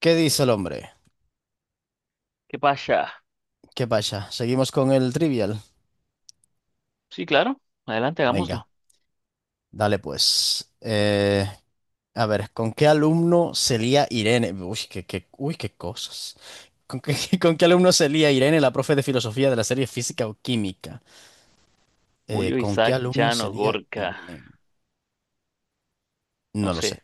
¿Qué dice el hombre? ¿Qué pasa? ¿Qué pasa? ¿Seguimos con el trivial? Sí, claro. Adelante, Venga, hagámoslo. dale pues. A ver, ¿con qué alumno se lía Irene? Uy, uy, qué cosas. ¿Con qué, con qué alumno se lía Irene, la profe de filosofía de la serie Física o Química? Eh, Julio, ¿con qué Isaac, alumno se Llano, lía Gorka. Irene? No No lo sé. sé.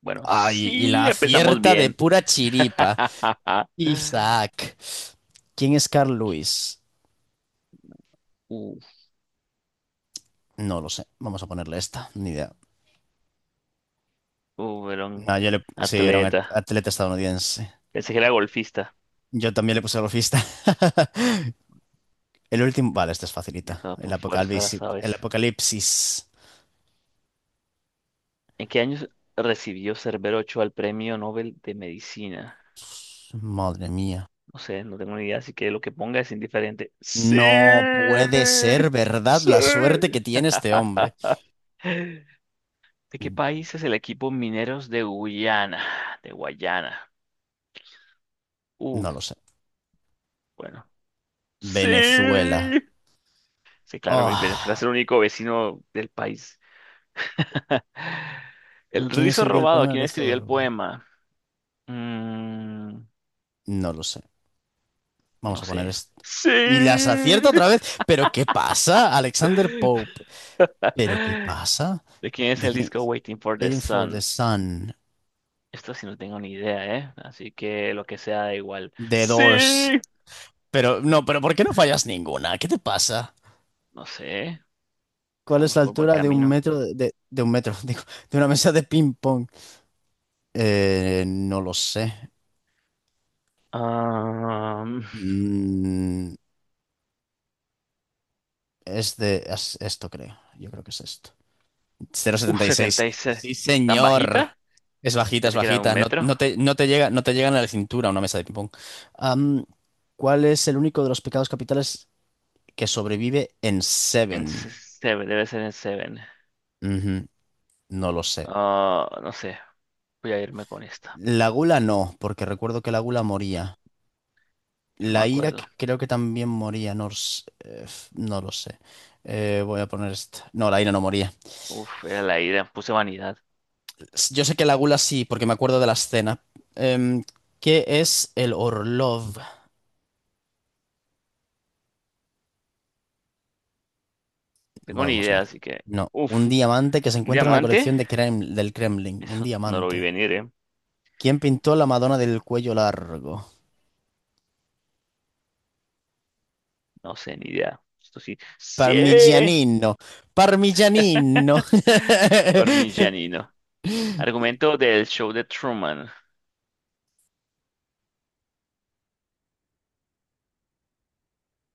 Bueno, Ay, y sí, la empezamos acierta de bien. pura chiripa. Isaac. ¿Quién es Carl Lewis? Uh, No lo sé. Vamos a ponerle esta. Ni idea. Era un No, yo le... Sí, era un atleta. atleta estadounidense. Pensé que era golfista. Yo también le puse golfista. El último, vale, esta es facilita. No, El por fuerza, las apocalipsis. El sabes. apocalipsis. ¿En qué años recibió Cerbero Ochoa el Premio Nobel de Medicina? Madre mía. No sé, no tengo ni idea, así que lo que ponga es indiferente. ¡Sí! No puede ser verdad ¡Sí! la suerte que tiene este hombre. ¿De qué país es el equipo Mineros de Guyana? De Guayana. No lo Uf, sé. bueno. Sí. Venezuela. Sí, claro, Venezuela Oh, es el único vecino del país. El ¿quién rizo escribió el robado, poema ¿quién Erizo de escribió el Orban? poema? Mm, No lo sé. Vamos no a poner sé. esto. Y las Sí. acierta otra vez. ¿Pero qué pasa? Alexander Pope. ¿Pero qué pasa? ¿De quién es ¿De el quién? disco Waiting for the Waiting for the Sun? Sun. Esto sí no tengo ni idea, ¿eh? Así que lo que sea da igual. The Sí. Doors. Pero no, pero ¿por qué no fallas ninguna? ¿Qué te pasa? No sé. ¿Cuál es Estamos la por buen altura de un camino. metro de, de un metro, digo, de una mesa de ping pong? No lo sé. Ah, Mm, es esto, creo. Yo creo que es esto. Cero coma setenta y seis. 76. Sí, ¿Tan señor. bajita? Es bajita, es Pensé que era un bajita. No, metro. no te, no te llega, no te llegan a la cintura una mesa de ping pong. Am, ¿cuál es el único de los pecados capitales que sobrevive en En Seven? Seven, debe ser en Seven. Ujú, no lo sé. Ah, no sé. Voy a irme con esta. La gula no, porque recuerdo que la gula moría. Yo no me La ira acuerdo. creo que también moría. No, no lo sé. Voy a poner esta. No, la ira no moría. Uf, era la idea. Puse vanidad. Yo sé que la gula sí, porque me acuerdo de la escena. Em, ¿qué es el Orlov? No tengo Bueno, ni vamos a idea, marcar. así que. No, un Uf, diamante que se ¿un encuentra en la diamante? colección de del Kremlin. Un Eso no lo diamante. vi venir, ¿eh? ¿Quién pintó la Madonna del cuello largo? No sé, ni idea. Esto sí. ¡Sí! Parmigianino. Parmigianino. Parmigianino. Argumento del show de Truman.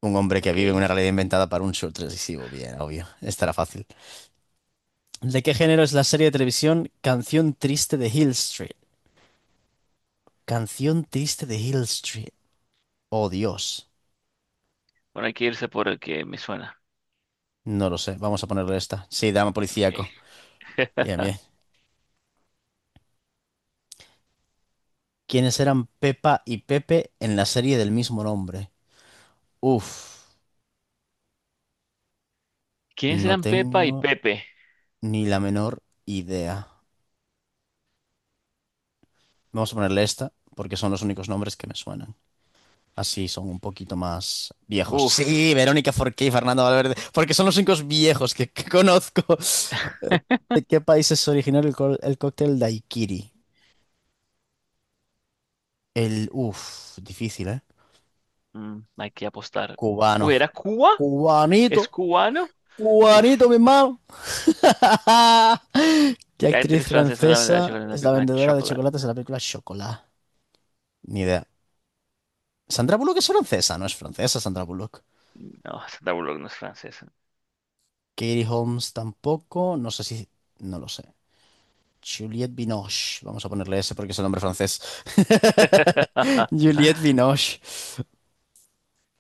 Un hombre que Ok. vive en una realidad inventada para un show televisivo. Bien, obvio. Esta era fácil. ¿De qué género es la serie de televisión Canción Triste de Hill Street? Canción Triste de Hill Street. Oh, Dios. Bueno, hay que irse por el que me suena. No lo sé. Vamos a ponerle esta. Sí, drama Ok. policíaco. Bien, bien. ¿Quiénes eran Pepa y Pepe en la serie del mismo nombre? Uf. ¿Quiénes No eran Pepa y tengo Pepe? ni la menor idea. Vamos a ponerle esta porque son los únicos nombres que me suenan. Así son un poquito más viejos. Uf. Sí, Verónica Forqué y Fernando Valverde, porque son los únicos viejos que conozco. ¿De qué país es originario el, el cóctel daiquiri? El, uff, difícil, ¿eh? Hay que apostar. Cubano. Uy, ¿era Cuba? ¿Es Cubanito, cubano? Uf. cubanito, mi hermano. ¿Qué La actriz actriz francesa es la verdad de francesa chocolate en la es la película vendedora de Chocolate. chocolates en la película Chocolat? Ni idea. Sandra Bullock es francesa, no es francesa Sandra Bullock. No, Sandra Bullock no es francesa. Katie Holmes tampoco, no sé si... No lo sé. Juliette Binoche. Vamos a ponerle ese porque es el nombre francés. Juliette Binoche.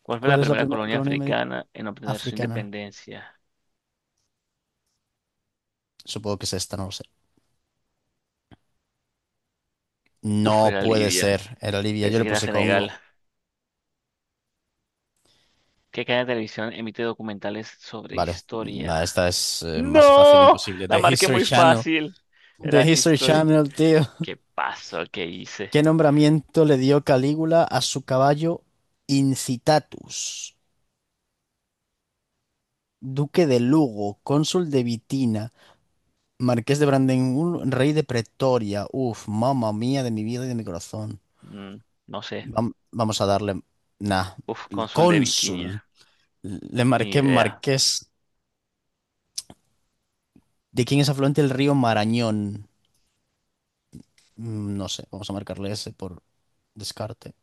¿Cuál fue ¿Cuál la es la primera primera colonia colonia africana en obtener su africana? independencia? Supongo que es esta, no lo sé. Uf, No era puede Libia. ser. Era Libia. Yo Pensé le que era puse Senegal. Congo. ¿Qué cadena de televisión emite documentales sobre Vale. Nada, historia? esta es más fácil, ¡No! imposible. La The marqué History muy Channel. fácil. The Era History History. Channel, tío. ¿Qué pasó? ¿Qué hice? ¿Qué nombramiento le dio Calígula a su caballo Incitatus? Duque de Lugo, cónsul de Vitina. Marqués de Brandenburg, rey de Pretoria. Uf, mamá mía de mi vida y de mi corazón. Mm, no sé. Vamos a darle. Nah. Uf, El cónsul de Cónsul. Bitinia. Le Ni marqué idea. marqués. ¿De quién es afluente el río Marañón? No sé, vamos a marcarle ese por descarte.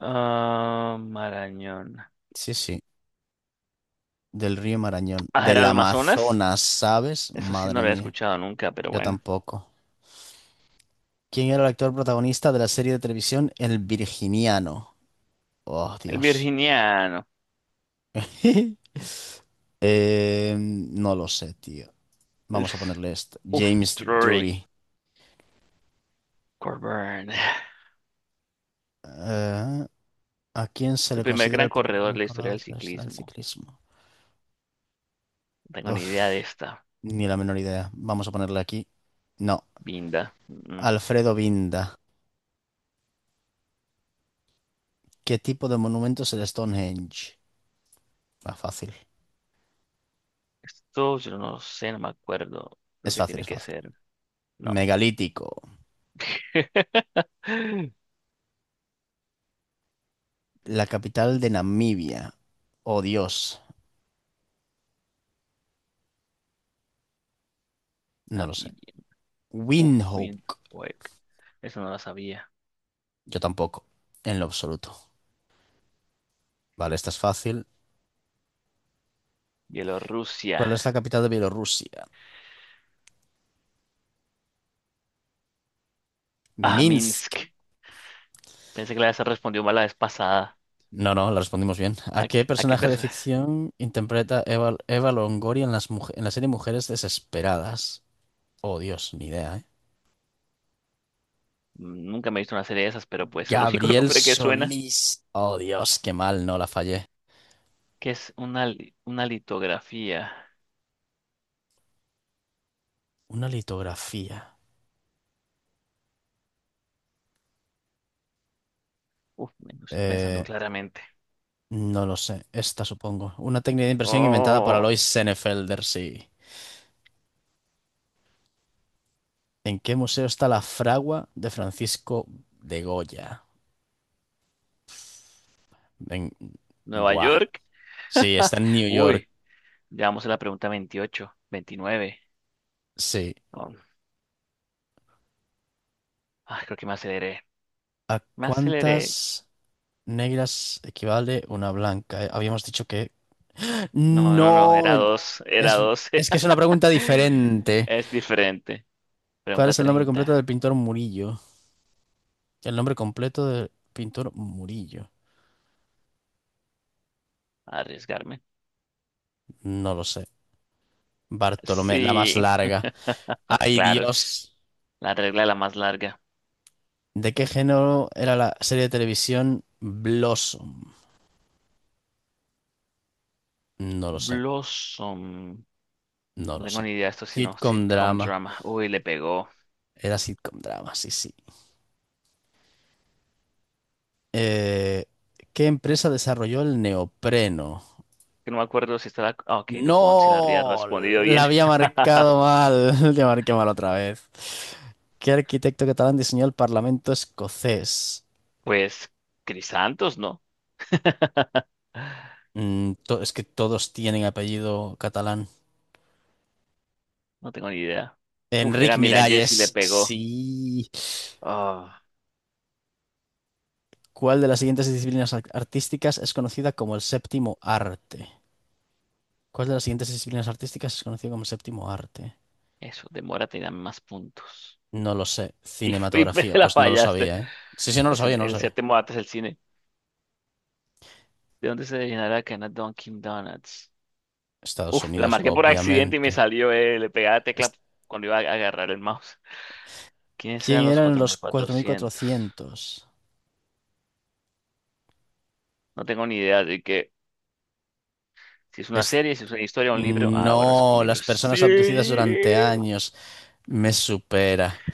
Ah, Marañón. Sí, sí, del río Marañón. Ah, Del ¿era Amazonas? Amazonas, ¿sabes? Eso sí no lo Madre había mía, escuchado nunca, pero yo bueno. tampoco. ¿Quién era el actor protagonista de la serie de televisión El Virginiano? Oh, El Dios. virginiano. No lo sé, tío. Vamos a Uf, ponerle este. uf, James Drury. Drury. Coburn. Eh, ¿a quién se El le primer considera gran el primer corredor gran de la historia corredor del tradicional del ciclismo. ciclismo? No tengo ni idea de Uf, esta. ni la menor idea. Vamos a ponerle aquí. No. Binda. Mm, mm. Alfredo Binda. ¿Qué tipo de monumento es el Stonehenge? Ah, fácil. Esto yo no sé, no me acuerdo. Creo Es que fácil, tiene es que fácil. ser. No. Megalítico. La capital de Namibia. Oh, Dios. No lo sé. Namibia. Uf, Windhoek. Windhoek. Eso no lo sabía. Yo tampoco. En lo absoluto. Vale, esta es fácil. Bielorrusia. ¿Cuál es la capital de Bielorrusia? Ah, Minsk. Minsk. Pensé que la se respondió mal la vez pasada. No, no, la respondimos bien. ¿A ¿A, qué a qué personaje de persona? ficción interpreta Eva Longoria en las en la serie Mujeres Desesperadas? Oh, Dios, ni idea, ¿eh? Nunca me he visto una serie de esas, pero pues el único Gabriel nombre que suena, Solís. Oh, Dios, qué mal, no la fallé. que es una litografía. Una litografía. Uf, me lo estoy pensando Eh, claramente. no lo sé. Esta, supongo. Una técnica de impresión inventada por Oh, Alois Senefelder, sí. ¿En qué museo está la fragua de Francisco de Goya? En... Nueva Buah. York. Sí, está en New York. Uy, ya vamos a la pregunta 28 29. Sí. Oh, ah, creo que me aceleré. ¿A Me aceleré. cuántas negras equivale una blanca? Habíamos dicho que... No, no, no, No, era dos, era es, dos. es que es una pregunta diferente. Es diferente. ¿Cuál Pregunta es el nombre completo del 30. pintor Murillo? El nombre completo del pintor Murillo. Arriesgarme. No lo sé. Bartolomé, la más Sí, larga. Ay, claro, Dios. la regla es la más larga. ¿De qué género era la serie de televisión Blossom? No lo sé, Blossom. no No lo tengo sé. ni idea de esto, sino Sitcom sitcom drama. drama. Uy, le pegó. Era sitcom drama, sí, sí. Eh, ¿qué empresa desarrolló el neopreno? Que no me acuerdo si estaba. Ok, DuPont, si la habría No, respondido la bien. había marcado mal. La marqué mal otra vez. ¿Qué arquitecto catalán diseñó el Parlamento escocés? Pues, Chris Santos, ¿no? Mm, es que todos tienen apellido catalán. No tengo ni idea. Uf, Enric era mira, Jesse le Miralles, pegó. sí. Ah, ¿Cuál de las siguientes disciplinas artísticas es conocida como el séptimo arte? ¿Cuál de las siguientes disciplinas artísticas es conocida como el séptimo arte? eso, demórate y dame más puntos. No lo sé. Y, me Cinematografía, la pues no lo fallaste. sabía, ¿eh? Sí, sí, no lo Así sabía, no lo El sabía. séptimo arte es el cine. ¿De dónde se originará la cadena Dunkin' Donuts? Estados Uf, la Unidos, marqué por accidente y me obviamente. salió, le pegaba la tecla cuando iba a agarrar el mouse. ¿Quiénes ¿Quién eran los eran cuatro los mil cuatrocientos? 4.400? No tengo ni idea de que si es una Es- serie, si es una historia, un libro. Ah, bueno, es un No, libro. las personas abducidas Sí. durante años. Me supera.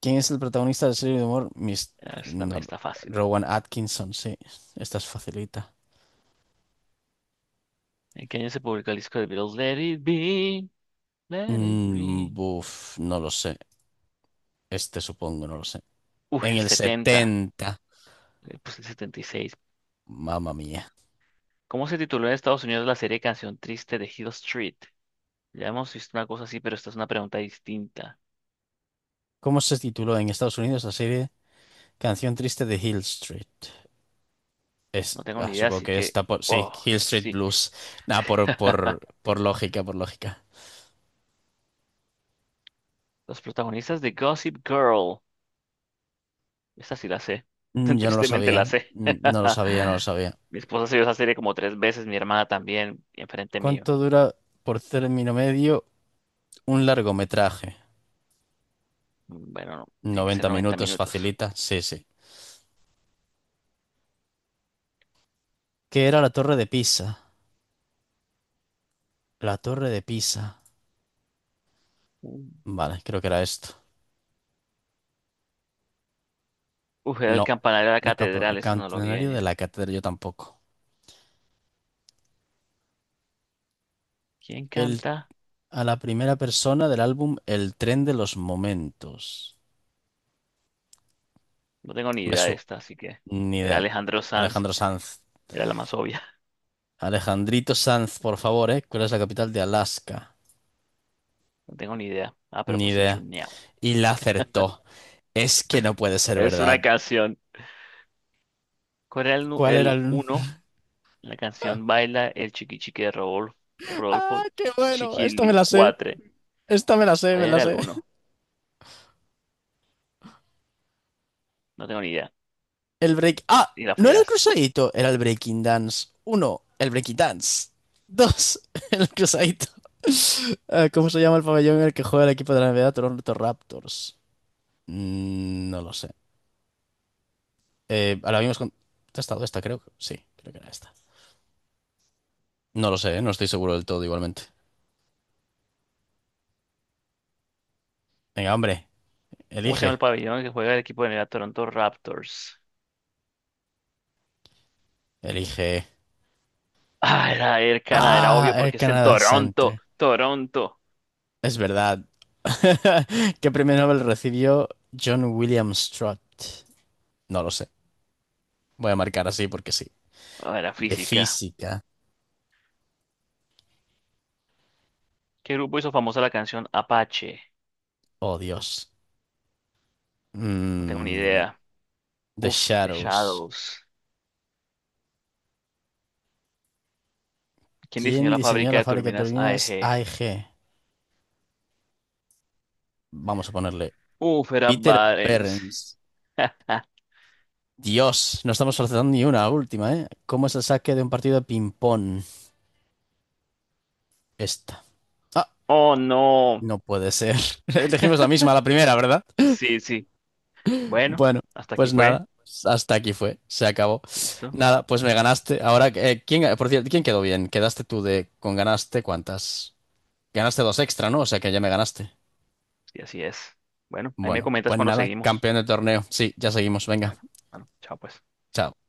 ¿Quién es el protagonista de la serie de humor? Mis... Eso también no, está fácil. Rowan Atkinson, sí. Esta es facilita. ¿En qué año se publicó el disco de Beatles? Let it be, let it Mm, be. buf, no lo sé. Este supongo, no lo sé. Uy, En el el 70. setenta. Pues el 76. Mamma mía. ¿Cómo se tituló en Estados Unidos la serie Canción Triste de Hill Street? Ya hemos visto una cosa así, pero esta es una pregunta distinta. ¿Cómo se tituló en Estados Unidos la serie Canción Triste de Hill Street? No Es, tengo ah, ni idea, supongo así que que... está por... Sí, Oh, Hill Street sí. Blues. Nada, por, por, por lógica, por lógica. Los protagonistas de Gossip Girl. Esa sí la sé. Mm, Yo no lo Tristemente sabía. la sé. No lo sabía, no lo sabía. Mi esposa se vio esa serie como tres veces, mi hermana también, y enfrente mío. ¿Cuánto dura por término medio un largometraje? Bueno, no, tiene que ser noventa 90 minutos, minutos. facilita. Sí, sí. ¿Qué era la Torre de Pisa? La Torre de Pisa. Mm. Vale, creo que era esto. Uf, era el No. campanario de la El, catedral, el eso no lo vi campanario de venir. la catedral, yo tampoco. ¿Quién El, canta? a la primera persona del álbum El tren de los momentos. No tengo ni Me, idea de su- esta, así que Ni era idea. Alejandro Sanz, Alejandro Sanz. era la más obvia. Alejandrito Sanz, por favor, ¿eh? ¿Cuál es la capital de Alaska? No tengo ni idea. Ah, pero Ni puse idea. Juneau. Y la acertó. Es que no puede ser Es una verdad. canción. ¿Cuál era el, ¿Cuál era el el...? uno? La canción Baila el Chiqui Chiqui de Rodolfo, Rodolfo ¡Ah, qué bueno! Esta me la sé. Chiquilicuatre. Esta me la sé, ¿Cuál me la era el sé. uno? No tengo ni idea. El break... ¡Ah! Y la No era el fallaste. cruzadito, era el breaking dance. Uno, el breaking dance. Dos, el cruzadito. Ah, ¿cómo se llama el pabellón en el que juega el equipo de la NBA Toronto Raptors? No lo sé. Ahora mismo hemos contestado esta, creo. Sí, creo que era esta. No lo sé, ¿eh? No estoy seguro del todo igualmente. Venga, hombre, ¿Cómo se llama el elige. pabellón que juega el equipo de la Toronto Raptors? Elige. Ah, era Air Canada, era Ah, obvio Air porque está en Canada Toronto. Center. Toronto. Es verdad. ¿Qué premio Nobel recibió John William Strutt? No lo sé. Voy a marcar así porque sí. Ah, era De física. física. ¿Qué grupo hizo famosa la canción Apache? Oh, Dios. No tengo ni Mm, idea. The Uf, The Shadows. Shadows. ¿Quién diseñó ¿Quién la diseñó fábrica la de fábrica de turbinas turbinas AEG? AEG? Vamos a ponerle Uf, era Peter Barents. Behrens. Dios, no estamos acertando ni una última, ¿eh? ¿Cómo es el saque de un partido de ping-pong? Esta. Ah, Oh, no. no puede ser. Elegimos la misma, la primera, ¿verdad? Sí, sí. Bueno, Bueno, hasta aquí pues fue. nada. Hasta aquí fue. Se acabó. Listo. Nada, pues me ganaste. Ahora, ¿quién, por cierto, ¿quién quedó bien? Quedaste tú de... con ganaste cuántas? Ganaste dos extra, ¿no? O sea que ya me ganaste. Y así es. Bueno, ahí me Bueno, comentas pues cuando nada, seguimos. campeón del torneo. Sí, ya seguimos. Venga, Bueno, bueno, chao pues. chao.